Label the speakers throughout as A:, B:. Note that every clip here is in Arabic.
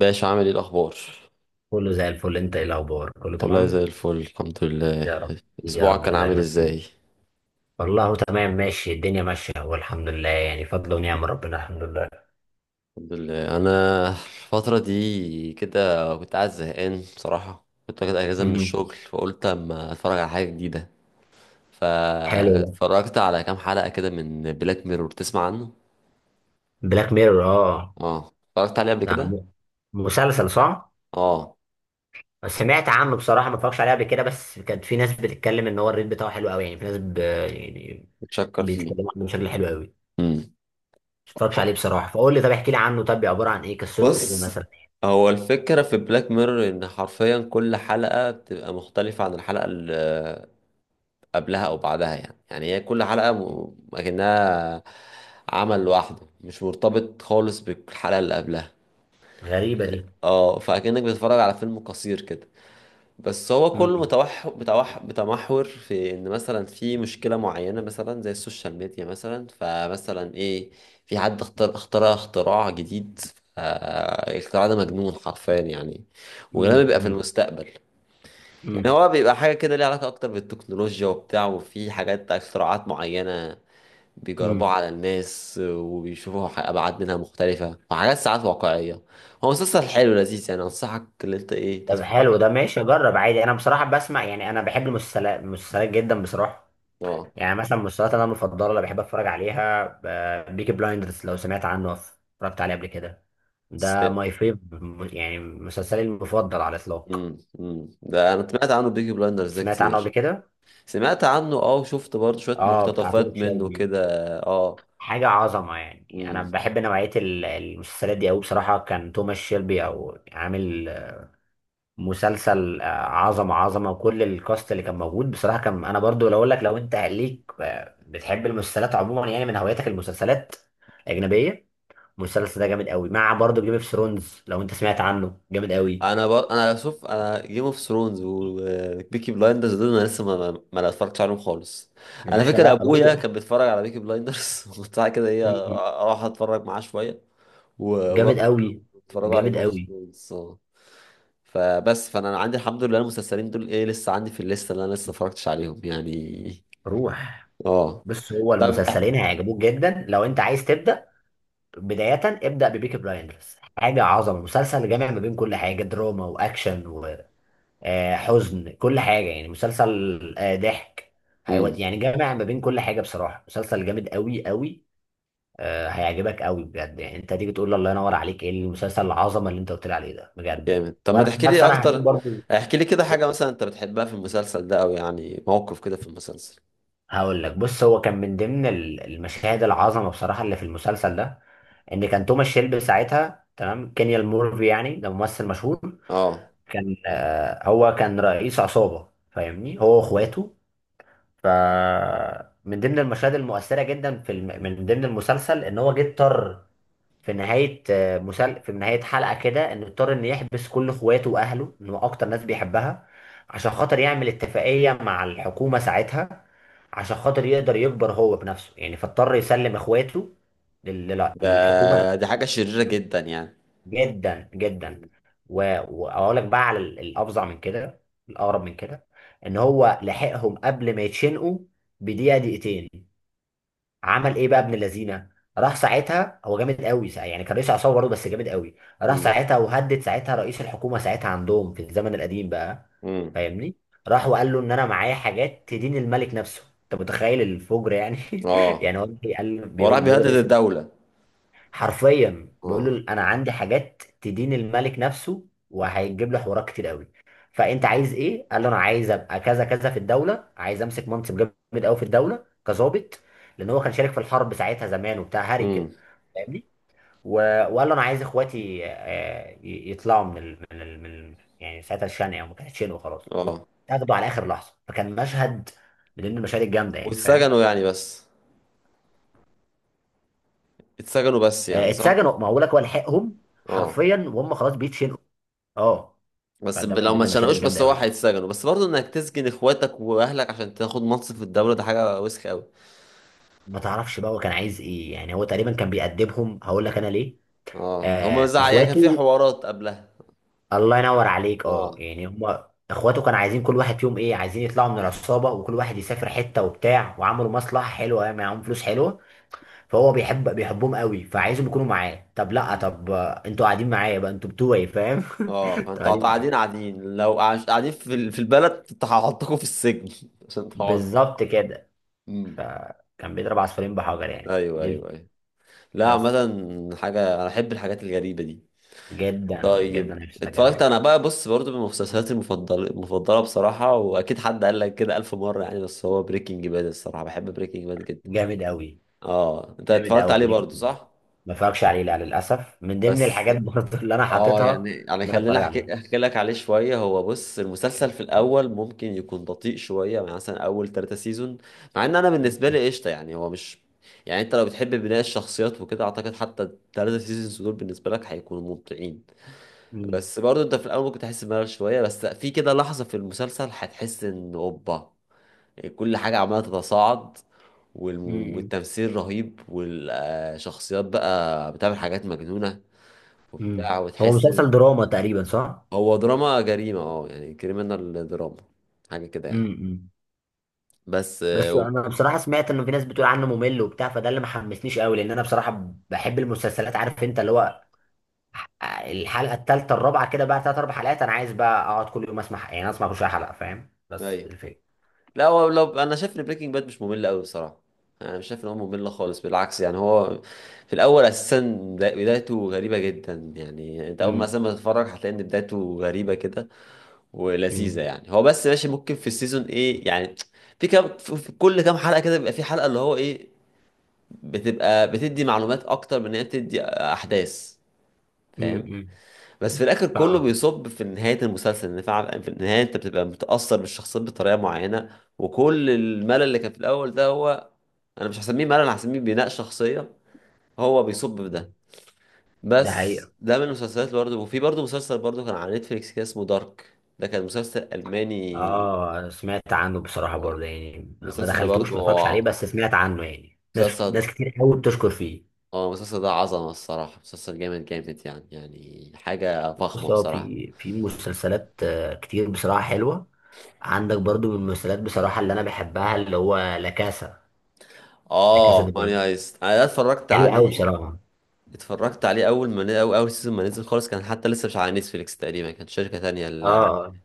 A: باشا، عامل ايه الاخبار؟
B: كله زي الفل، انت ايه الاخبار؟ كله
A: والله زي
B: تمام.
A: الفل، الحمد لله.
B: يا رب. يا
A: اسبوعك
B: رب
A: كان عامل
B: دايما.
A: ازاي؟
B: والله تمام، ماشي، الدنيا ماشيه والحمد لله، يعني فضل ونعم ربنا، الحمد لله.
A: الحمد لله. انا الفتره دي كده كنت قاعد زهقان بصراحه، كنت واخد اجازه من
B: امم.
A: الشغل فقلت اما اتفرج على حاجه جديده.
B: حلو ده.
A: فاتفرجت على كام حلقه كده من بلاك ميرور، تسمع عنه؟
B: بلاك ميرور، اه.
A: اه اتفرجت عليه قبل
B: ده
A: كده.
B: مسلسل صح؟
A: اه
B: سمعت عنه بصراحه، ما اتفرجش عليه قبل كده، بس كانت في ناس بتتكلم ان هو الريت بتاعه حلو قوي، يعني في ناس يعني
A: متشكر فيه.
B: بيتكلموا عنه بشكل حلو قوي. ما
A: امم
B: اتفرجش عليه بصراحه، فقول لي طب احكي لي عنه، طب عباره عن ايه؟ قصته ايه
A: بص،
B: مثلا؟
A: هو الفكرة في بلاك ميرور إن حرفيا كل حلقة بتبقى مختلفة عن الحلقة قبلها او بعدها. يعني هي كل حلقه اكنها عمل لوحده، مش مرتبط خالص بالحلقه اللي قبلها.
B: غريبه دي.
A: اه فاكنك بتتفرج على فيلم قصير كده. بس هو كله
B: امم.
A: متوح متوح متمحور في ان مثلا في مشكله معينه، مثلا زي السوشيال ميديا. مثلا فمثلا ايه، في حد اخترع اختراع جديد. الاختراع ده مجنون حرفيا يعني، وغالبا بيبقى في
B: امم.
A: المستقبل. يعني
B: امم.
A: هو بيبقى حاجة كده ليها علاقة أكتر بالتكنولوجيا وبتاع، وفي حاجات اختراعات معينة بيجربوه
B: امم.
A: على الناس وبيشوفوا ابعاد منها مختلفه وحاجات ساعات واقعيه. هو مسلسل حلو لذيذ يعني، انصحك ان انت ايه
B: طب
A: تتفرج
B: حلو ده، ماشي، جرب عادي. انا بصراحه بسمع، يعني انا بحب المسلسلات جدا بصراحه.
A: عليه. اه.
B: يعني مثلا المسلسلات، انا المفضله اللي بحب اتفرج عليها بيكي بلايندرز، لو سمعت عنه أو اتفرجت عليه قبل كده.
A: س-
B: ده ماي فيف، يعني مسلسلي المفضل على الاطلاق.
A: ده انا سمعت عنه بيكي بلايندرز ده
B: سمعت عنه قبل
A: كتير.
B: كده،
A: سمعت عنه اه، وشفت برضه شويه
B: اه. بتاع
A: مقتطفات
B: توم
A: منه
B: شيلبي،
A: كده. اه
B: حاجه عظمه يعني. انا
A: مم.
B: بحب نوعيه المسلسلات دي قوي بصراحه، كان توماس شيلبي او عامل مسلسل عظمه عظمه، وكل الكاست اللي كان موجود بصراحه. كان انا برضو لو اقول لك، لو انت ليك بتحب المسلسلات عموما يعني، من هواياتك المسلسلات الاجنبيه، المسلسل ده جامد قوي، مع برضو جيم اوف ثرونز لو انت سمعت عنه، جامد قوي.
A: انا شوف، انا جيم اوف ثرونز وبيكي بلايندرز دول انا لسه ما اتفرجتش عليهم خالص.
B: يا
A: انا
B: باشا
A: فاكر
B: لا،
A: ابويا
B: روح.
A: كان بيتفرج على بيكي بلايندرز وبتاع كده ايه،
B: م.
A: اروح اتفرج معاه شويه.
B: جامد قوي.
A: اتفرجوا على
B: جامد
A: جيم اوف
B: قوي.
A: ثرونز اه. فبس فانا عندي الحمد لله المسلسلين دول ايه لسه عندي في الليسته اللي انا لسه ما اتفرجتش عليهم يعني.
B: روح،
A: اه.
B: بص هو
A: طب.
B: المسلسلين هيعجبوك جدا، لو انت عايز تبدا بدايه، ابدا ببيكي بلايندرز. حاجه عظمه، مسلسل جامع ما بين كل حاجه، دراما واكشن، حزن، كل حاجة يعني، مسلسل ضحك،
A: امم.
B: هيود يعني. جامع ما بين كل حاجة بصراحة، مسلسل جامد قوي قوي. هيعجبك قوي بجد، يعني انت تيجي تقول لي الله ينور عليك، ايه المسلسل العظمة اللي انت قلت لي عليه ده، بجد يعني.
A: جامد. طب ما
B: وانا عن
A: تحكي
B: نفسي
A: لي
B: انا هشوف
A: اكتر،
B: برضه.
A: احكي لي كده
B: إيه،
A: حاجه مثلا انت بتحبها في المسلسل ده، او يعني موقف كده في المسلسل.
B: هقول لك، بص، هو كان من ضمن المشاهد العظمة بصراحة اللي في المسلسل ده، ان كان توماس شيلبي ساعتها، تمام، كينيال مورفي يعني، ده ممثل مشهور.
A: اه
B: كان هو كان رئيس عصابة، فاهمني، هو
A: مم.
B: واخواته. فمن ضمن المشاهد المؤثرة جدا من ضمن المسلسل، ان هو جه اضطر في نهاية في نهاية حلقة كده، ان اضطر ان يحبس كل اخواته واهله، ان هو اكتر ناس بيحبها، عشان خاطر يعمل اتفاقية مع الحكومة ساعتها، عشان خاطر يقدر يكبر هو بنفسه يعني. فاضطر يسلم اخواته للحكومة
A: ده
B: نفسها.
A: دي حاجه شريره جدا يعني.
B: جدا جدا. و- واقول لك بقى على الافظع من كده، الاغرب من كده، ان هو لحقهم قبل ما يتشنقوا بدقيقه دقيقتين. عمل ايه بقى ابن اللذينه؟ راح ساعتها، هو جامد قوي، يعني كان رئيس عصابه برضه، بس جامد قوي. راح
A: امم.
B: ساعتها وهدد ساعتها رئيس الحكومه ساعتها، عندهم في الزمن القديم بقى،
A: امم.
B: فاهمني. راح وقال له ان انا معايا حاجات تدين الملك نفسه. انت متخيل الفجر يعني؟
A: اه
B: يعني هو بيقول
A: هو راح
B: بيقول
A: بيهدد
B: بيقول رئيس،
A: الدوله.
B: حرفيا بيقول
A: اه.
B: له انا عندي حاجات تدين الملك نفسه، وهيجيب له حوارات كتير قوي. فانت عايز ايه؟ قال له انا عايز ابقى كذا كذا في الدوله، عايز امسك منصب جامد قوي في الدوله كظابط، لان هو كان شارك في الحرب ساعتها زمان وبتاع هاري كده،
A: امم.
B: فاهمني. و- وقال له انا عايز اخواتي يطلعوا يعني ساعتها الشنقه. وما كانتش شنقه خلاص،
A: اه
B: واتاخدوا على اخر لحظه، فكان مشهد من المشاهد الجامده يعني، فاهم.
A: واتسجنوا يعني بس، اتسجنوا بس يعني صح.
B: اتسجنوا، ما هو لك هو لحقهم
A: اه
B: حرفيا وهم خلاص بيتشنقوا. اه.
A: بس
B: فده من
A: لو ما
B: ضمن المشاهد
A: اتشنقوش بس
B: الجامده
A: هو
B: قوي.
A: هيتسجنوا بس، برضه انك تسجن اخواتك واهلك عشان تاخد منصب في الدولة، ده حاجة وسخ قوي.
B: ما تعرفش بقى هو كان عايز ايه يعني، هو تقريبا كان بيأدبهم، هقول لك انا ليه.
A: اه هما
B: آه،
A: بيزعق يعني، كان في
B: اخواته.
A: حوارات قبلها.
B: الله ينور عليك،
A: اه.
B: اه، يعني هم اخواته كانوا عايزين كل واحد فيهم ايه، عايزين يطلعوا من العصابه، وكل واحد يسافر حته وبتاع، وعملوا مصلحه حلوه معاهم، فلوس حلوه. فهو بيحبهم قوي، فعايزهم يكونوا معاه. طب لا،
A: م.
B: طب انتوا قاعدين معايا بقى، انتوا بتوعي، فاهم.
A: اه
B: انتوا
A: فانتوا
B: قاعدين
A: قاعدين
B: معايا،
A: قاعدين لو قاعدين في البلد، انت هحطكم في السجن عشان تقعدوا.
B: بالظبط كده.
A: م.
B: كان بيضرب عصفورين بحجر يعني،
A: ايوه
B: دي
A: ايوه
B: الفكره.
A: ايوه. لا عامة
B: بس
A: حاجة انا احب الحاجات الغريبة دي.
B: جدا
A: طيب
B: جدا، هيبسطك
A: اتفرجت
B: قوي.
A: انا بقى، بص برضو من مسلسلاتي المفضله بصراحه، واكيد حد قال لك كده الف مره يعني، بس هو بريكنج باد الصراحه بحب بريكنج باد جدا.
B: جامد قوي.
A: اه انت
B: جامد
A: اتفرجت
B: قوي
A: عليه برضه
B: بريكنج باد.
A: صح؟
B: ما اتفرجش عليه لا للاسف، من ضمن
A: بس
B: الحاجات برضه اللي انا
A: اه
B: حاططها
A: يعني
B: ان انا
A: خليني
B: اتفرج عليها.
A: احكي لك عليه شويه. هو بص، المسلسل في الاول ممكن يكون بطيء شويه، يعني مثلا اول ثلاثة سيزون، مع ان انا بالنسبه
B: م-
A: لي قشطه يعني، هو مش يعني. انت لو بتحب بناء الشخصيات وكده اعتقد حتى الثلاثة سيزونز دول بالنسبه لك هيكونوا ممتعين.
B: م-
A: بس برضه انت في الاول ممكن تحس بملل شويه، بس في كده لحظه في المسلسل هتحس ان اوبا، كل حاجة عمالة تتصاعد،
B: م- م-
A: والتمثيل رهيب، والشخصيات بقى بتعمل حاجات مجنونة
B: م.
A: وبتاع،
B: هو
A: وتحس
B: مسلسل دراما تقريبا صح؟
A: هو دراما جريمة اه يعني، كريمنال دراما حاجة كده
B: م-
A: يعني.
B: م.
A: بس
B: بس انا بصراحه سمعت ان في ناس بتقول عنه ممل وبتاع، فده اللي ما حمسنيش قوي. لان انا بصراحه بحب المسلسلات، عارف انت اللي هو الحلقه الثالثه الرابعه كده بقى، ثلاث اربع حلقات، انا عايز بقى اقعد كل يوم اسمع، يعني اسمع كل شويه حلقه، فاهم، بس
A: ايوه
B: الفكره.
A: لا هو لو انا شايف ان بريكنج باد مش ممل قوي بصراحة. انا مش شايف ان هو ممل خالص، بالعكس يعني. هو في الاول اساسا بدايته غريبة جدا يعني. انت اول ما
B: امم.
A: اساسا ما تتفرج هتلاقي ان بدايته غريبة كده ولذيذه
B: امم.
A: يعني. هو بس ماشي، ممكن في السيزون ايه يعني، في كل كام حلقه كده بيبقى في حلقه اللي هو ايه، بتبقى بتدي معلومات اكتر من ان هي بتدي احداث، فاهم؟
B: امم.
A: بس في الاخر كله
B: اه،
A: بيصب في نهايه المسلسل، ان فعلا في النهايه انت بتبقى متاثر بالشخصيات بطريقه معينه، وكل الملل اللي كان في الاول ده هو انا مش هسميه ملل، أنا هسميه بناء شخصيه. هو بيصب في ده.
B: ده
A: بس
B: حقيقي.
A: ده من المسلسلات اللي برضه، وفي برضه مسلسل برضه كان على نتفليكس كده اسمه دارك، ده كان مسلسل الماني.
B: اه، انا سمعت عنه بصراحه برضه يعني، ما
A: المسلسل ده
B: دخلتوش،
A: برضو
B: ما اتفرجش عليه، بس سمعت عنه يعني، ناس
A: مسلسل،
B: ناس كتير قوي بتشكر فيه.
A: اه المسلسل ده عظمة الصراحة، مسلسل جامد جامد يعني، يعني حاجة فخمة
B: بص، هو
A: بصراحة.
B: في مسلسلات كتير بصراحه حلوه. عندك برضه من المسلسلات بصراحه اللي انا بحبها، اللي هو لا كاسا. لا كاسا
A: اه
B: دي
A: ماني
B: بابل،
A: هايست انا ده اتفرجت
B: حلو قوي
A: عليه.
B: بصراحه.
A: اتفرجت عليه اول ما اول سيزون ما نزل خالص، كان حتى لسه مش على نتفليكس تقريبا، كانت شركة تانية
B: اه،
A: اللي عاملة.
B: اه.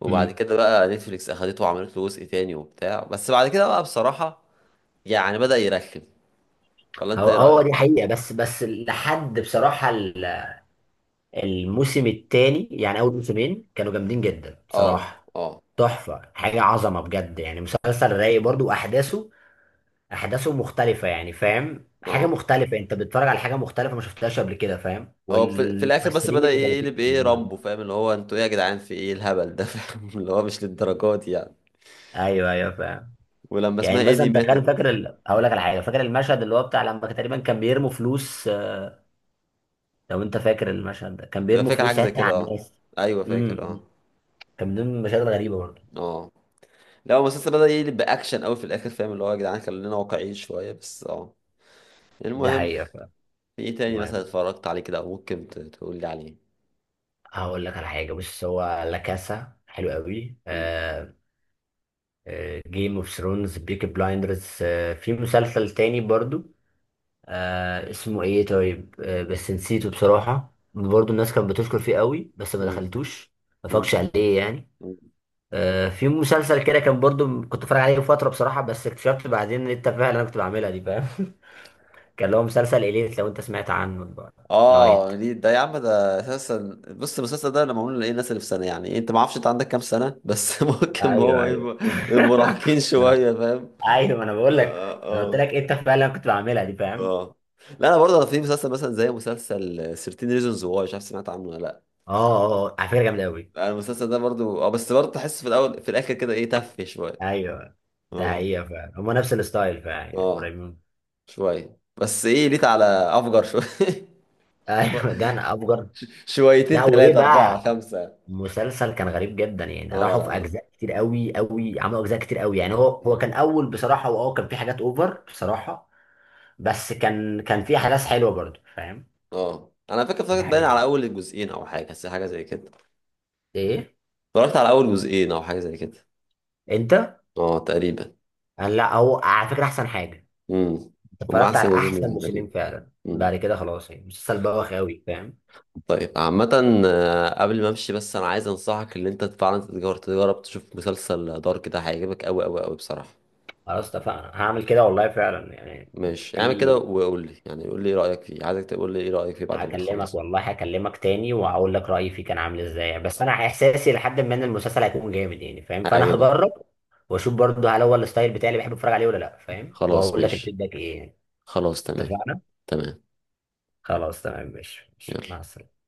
A: وبعد
B: أمم.
A: كده بقى نتفليكس اخدته وعملت له جزء تاني وبتاع، بس بعد كده بقى بصراحة يعني بدأ يرخم، ولا انت
B: هو
A: ايه
B: هو دي
A: رأيك؟
B: حقيقه، بس لحد بصراحه الموسم الثاني، يعني اول موسمين كانوا جامدين جدا
A: اه.
B: بصراحه.
A: اه.
B: تحفه، حاجه عظمه بجد يعني، مسلسل رايق برضه، واحداثه مختلفه، يعني فاهم، حاجه
A: اه
B: مختلفه، انت بتتفرج على حاجه مختلفه ما شفتهاش قبل كده، فاهم،
A: هو في الاخر بس
B: والممثلين
A: بدأ
B: اللي كانوا فيه
A: يقلب ايه
B: جامدين أوي.
A: رامبو، فاهم اللي هو انتوا ايه يا جدعان، في ايه الهبل ده فاهم اللي هو مش للدرجات دي يعني.
B: ايوه ايوه، فاهم.
A: ولما
B: يعني
A: اسمها ايه دي
B: مثلا تخيل،
A: ماتت،
B: فاكر هقول لك على حاجه، فاكر المشهد اللي هو بتاع لما كان تقريبا كان بيرموا فلوس لو انت فاكر المشهد ده، كان
A: تبقى
B: بيرموا
A: فاكر
B: فلوس
A: حاجه زي
B: ساعتها
A: كده
B: على
A: اه.
B: الناس.
A: ايوه
B: امم.
A: فاكر اه.
B: امم. كان من ضمن المشاهد الغريبه برضه.
A: اه لا هو المسلسل بدأ يقلب باكشن قوي في الاخر، فاهم اللي هو يا جدعان خلينا واقعيين شويه بس. اه
B: ده
A: المهم،
B: حقيقه، فاهم.
A: في ايه تاني مثلا
B: المهم،
A: اتفرجت عليه كده، او ممكن تقول لي عليه؟
B: هقول لك على حاجه، بص هو لا كاسا حلو قوي، آه، جيم اوف ثرونز، بيكي بلايندرز. في مسلسل تاني برضو، آه اسمه ايه طيب، آه، بس نسيته بصراحة. برضو الناس كانت بتشكر فيه قوي، بس ما
A: امم.
B: دخلتوش، ما فاقش عليه يعني.
A: امم.
B: آه، في مسلسل كده كان برضو كنت بتفرج عليه فترة بصراحة، بس اكتشفت بعدين ان انت فعلا، انا كنت بعملها دي، فاهم. كان اللي هو مسلسل اليت، لو انت سمعت عنه بقى. لايت،
A: اه دي ده يا عم ده اساسا، بص المسلسل ده لما معمول لايه الناس اللي في سنه يعني. انت ما اعرفش انت عندك كام سنه بس ممكن
B: ايوه
A: هو
B: ايوه.
A: يبقى مراهقين
B: ما انا
A: شويه فاهم.
B: ايوه، ما انا بقول لك،
A: اه.
B: انا قلت
A: اه.
B: لك انت فعلا، أنا كنت بعملها دي، فاهم.
A: اه لا انا برضه في مسلسل مثلا زي مسلسل 13 ريزونز واي، مش عارف سمعت عنه ولا لا.
B: اه اه، على فكرة جامدة قوي.
A: أنا المسلسل ده برضه اه، بس برضه تحس في الاول في الاخر كده ايه تف شويه.
B: ايوه، ده
A: اه.
B: حقيقة فعلا، هما نفس الستايل فعلا يعني،
A: اه.
B: قريبين.
A: شويه بس ايه، ليت على افجر شويه.
B: ايوه، ده انا افجر.
A: شويتين
B: لا، وايه
A: ثلاثه
B: بقى،
A: اربعه خمسه.
B: مسلسل كان غريب جدا يعني،
A: اه.
B: راحوا
A: لا
B: في
A: لا.
B: اجزاء كتير قوي قوي، عملوا اجزاء كتير قوي يعني. هو كان اول بصراحه، واه كان في حاجات اوفر بصراحه، بس كان في احداث حلوه برضه، فاهم.
A: اه انا فاكر
B: دي
A: اتفرجت باين على
B: حقيقة،
A: اول الجزئين او حاجه، بس حاجه زي كده.
B: ايه،
A: اتفرجت على اول جزئين او حاجه زي كده.
B: انت.
A: اه تقريبا.
B: قال لا، هو على فكره احسن حاجه،
A: امم.
B: انت
A: هما
B: اتفرجت
A: احسن
B: على
A: جزئين
B: احسن
A: نزلوا تقريبا.
B: موسمين فعلا،
A: امم.
B: بعد كده خلاص، يعني مسلسل بوخ قوي، فاهم.
A: طيب عامة، قبل ما امشي بس انا عايز انصحك ان انت فعلا تجرب تشوف مسلسل دارك ده، هيعجبك قوي قوي قوي بصراحة.
B: خلاص اتفقنا، هعمل كده والله، فعلا يعني.
A: ماشي اعمل
B: في
A: كده، وقول لي يعني قول لي ايه رأيك فيه، عايزك تقول لي ايه رأيك فيه بعد ما
B: هكلمك
A: تخلص.
B: والله، هكلمك تاني وهقول لك رأيي فيه كان عامل ازاي، بس انا احساسي لحد ما ان المسلسل هيكون جامد يعني، فاهم، فانا
A: هيعجبك.
B: هجرب واشوف برضه هل هو الستايل بتاعي اللي بحب اتفرج عليه ولا لا، فاهم،
A: خلاص
B: وهقول لك
A: ماشي.
B: الفيدباك ايه يعني.
A: خلاص تمام.
B: اتفقنا،
A: تمام.
B: خلاص تمام، ماشي ماشي، مع
A: يلا.
B: السلامة.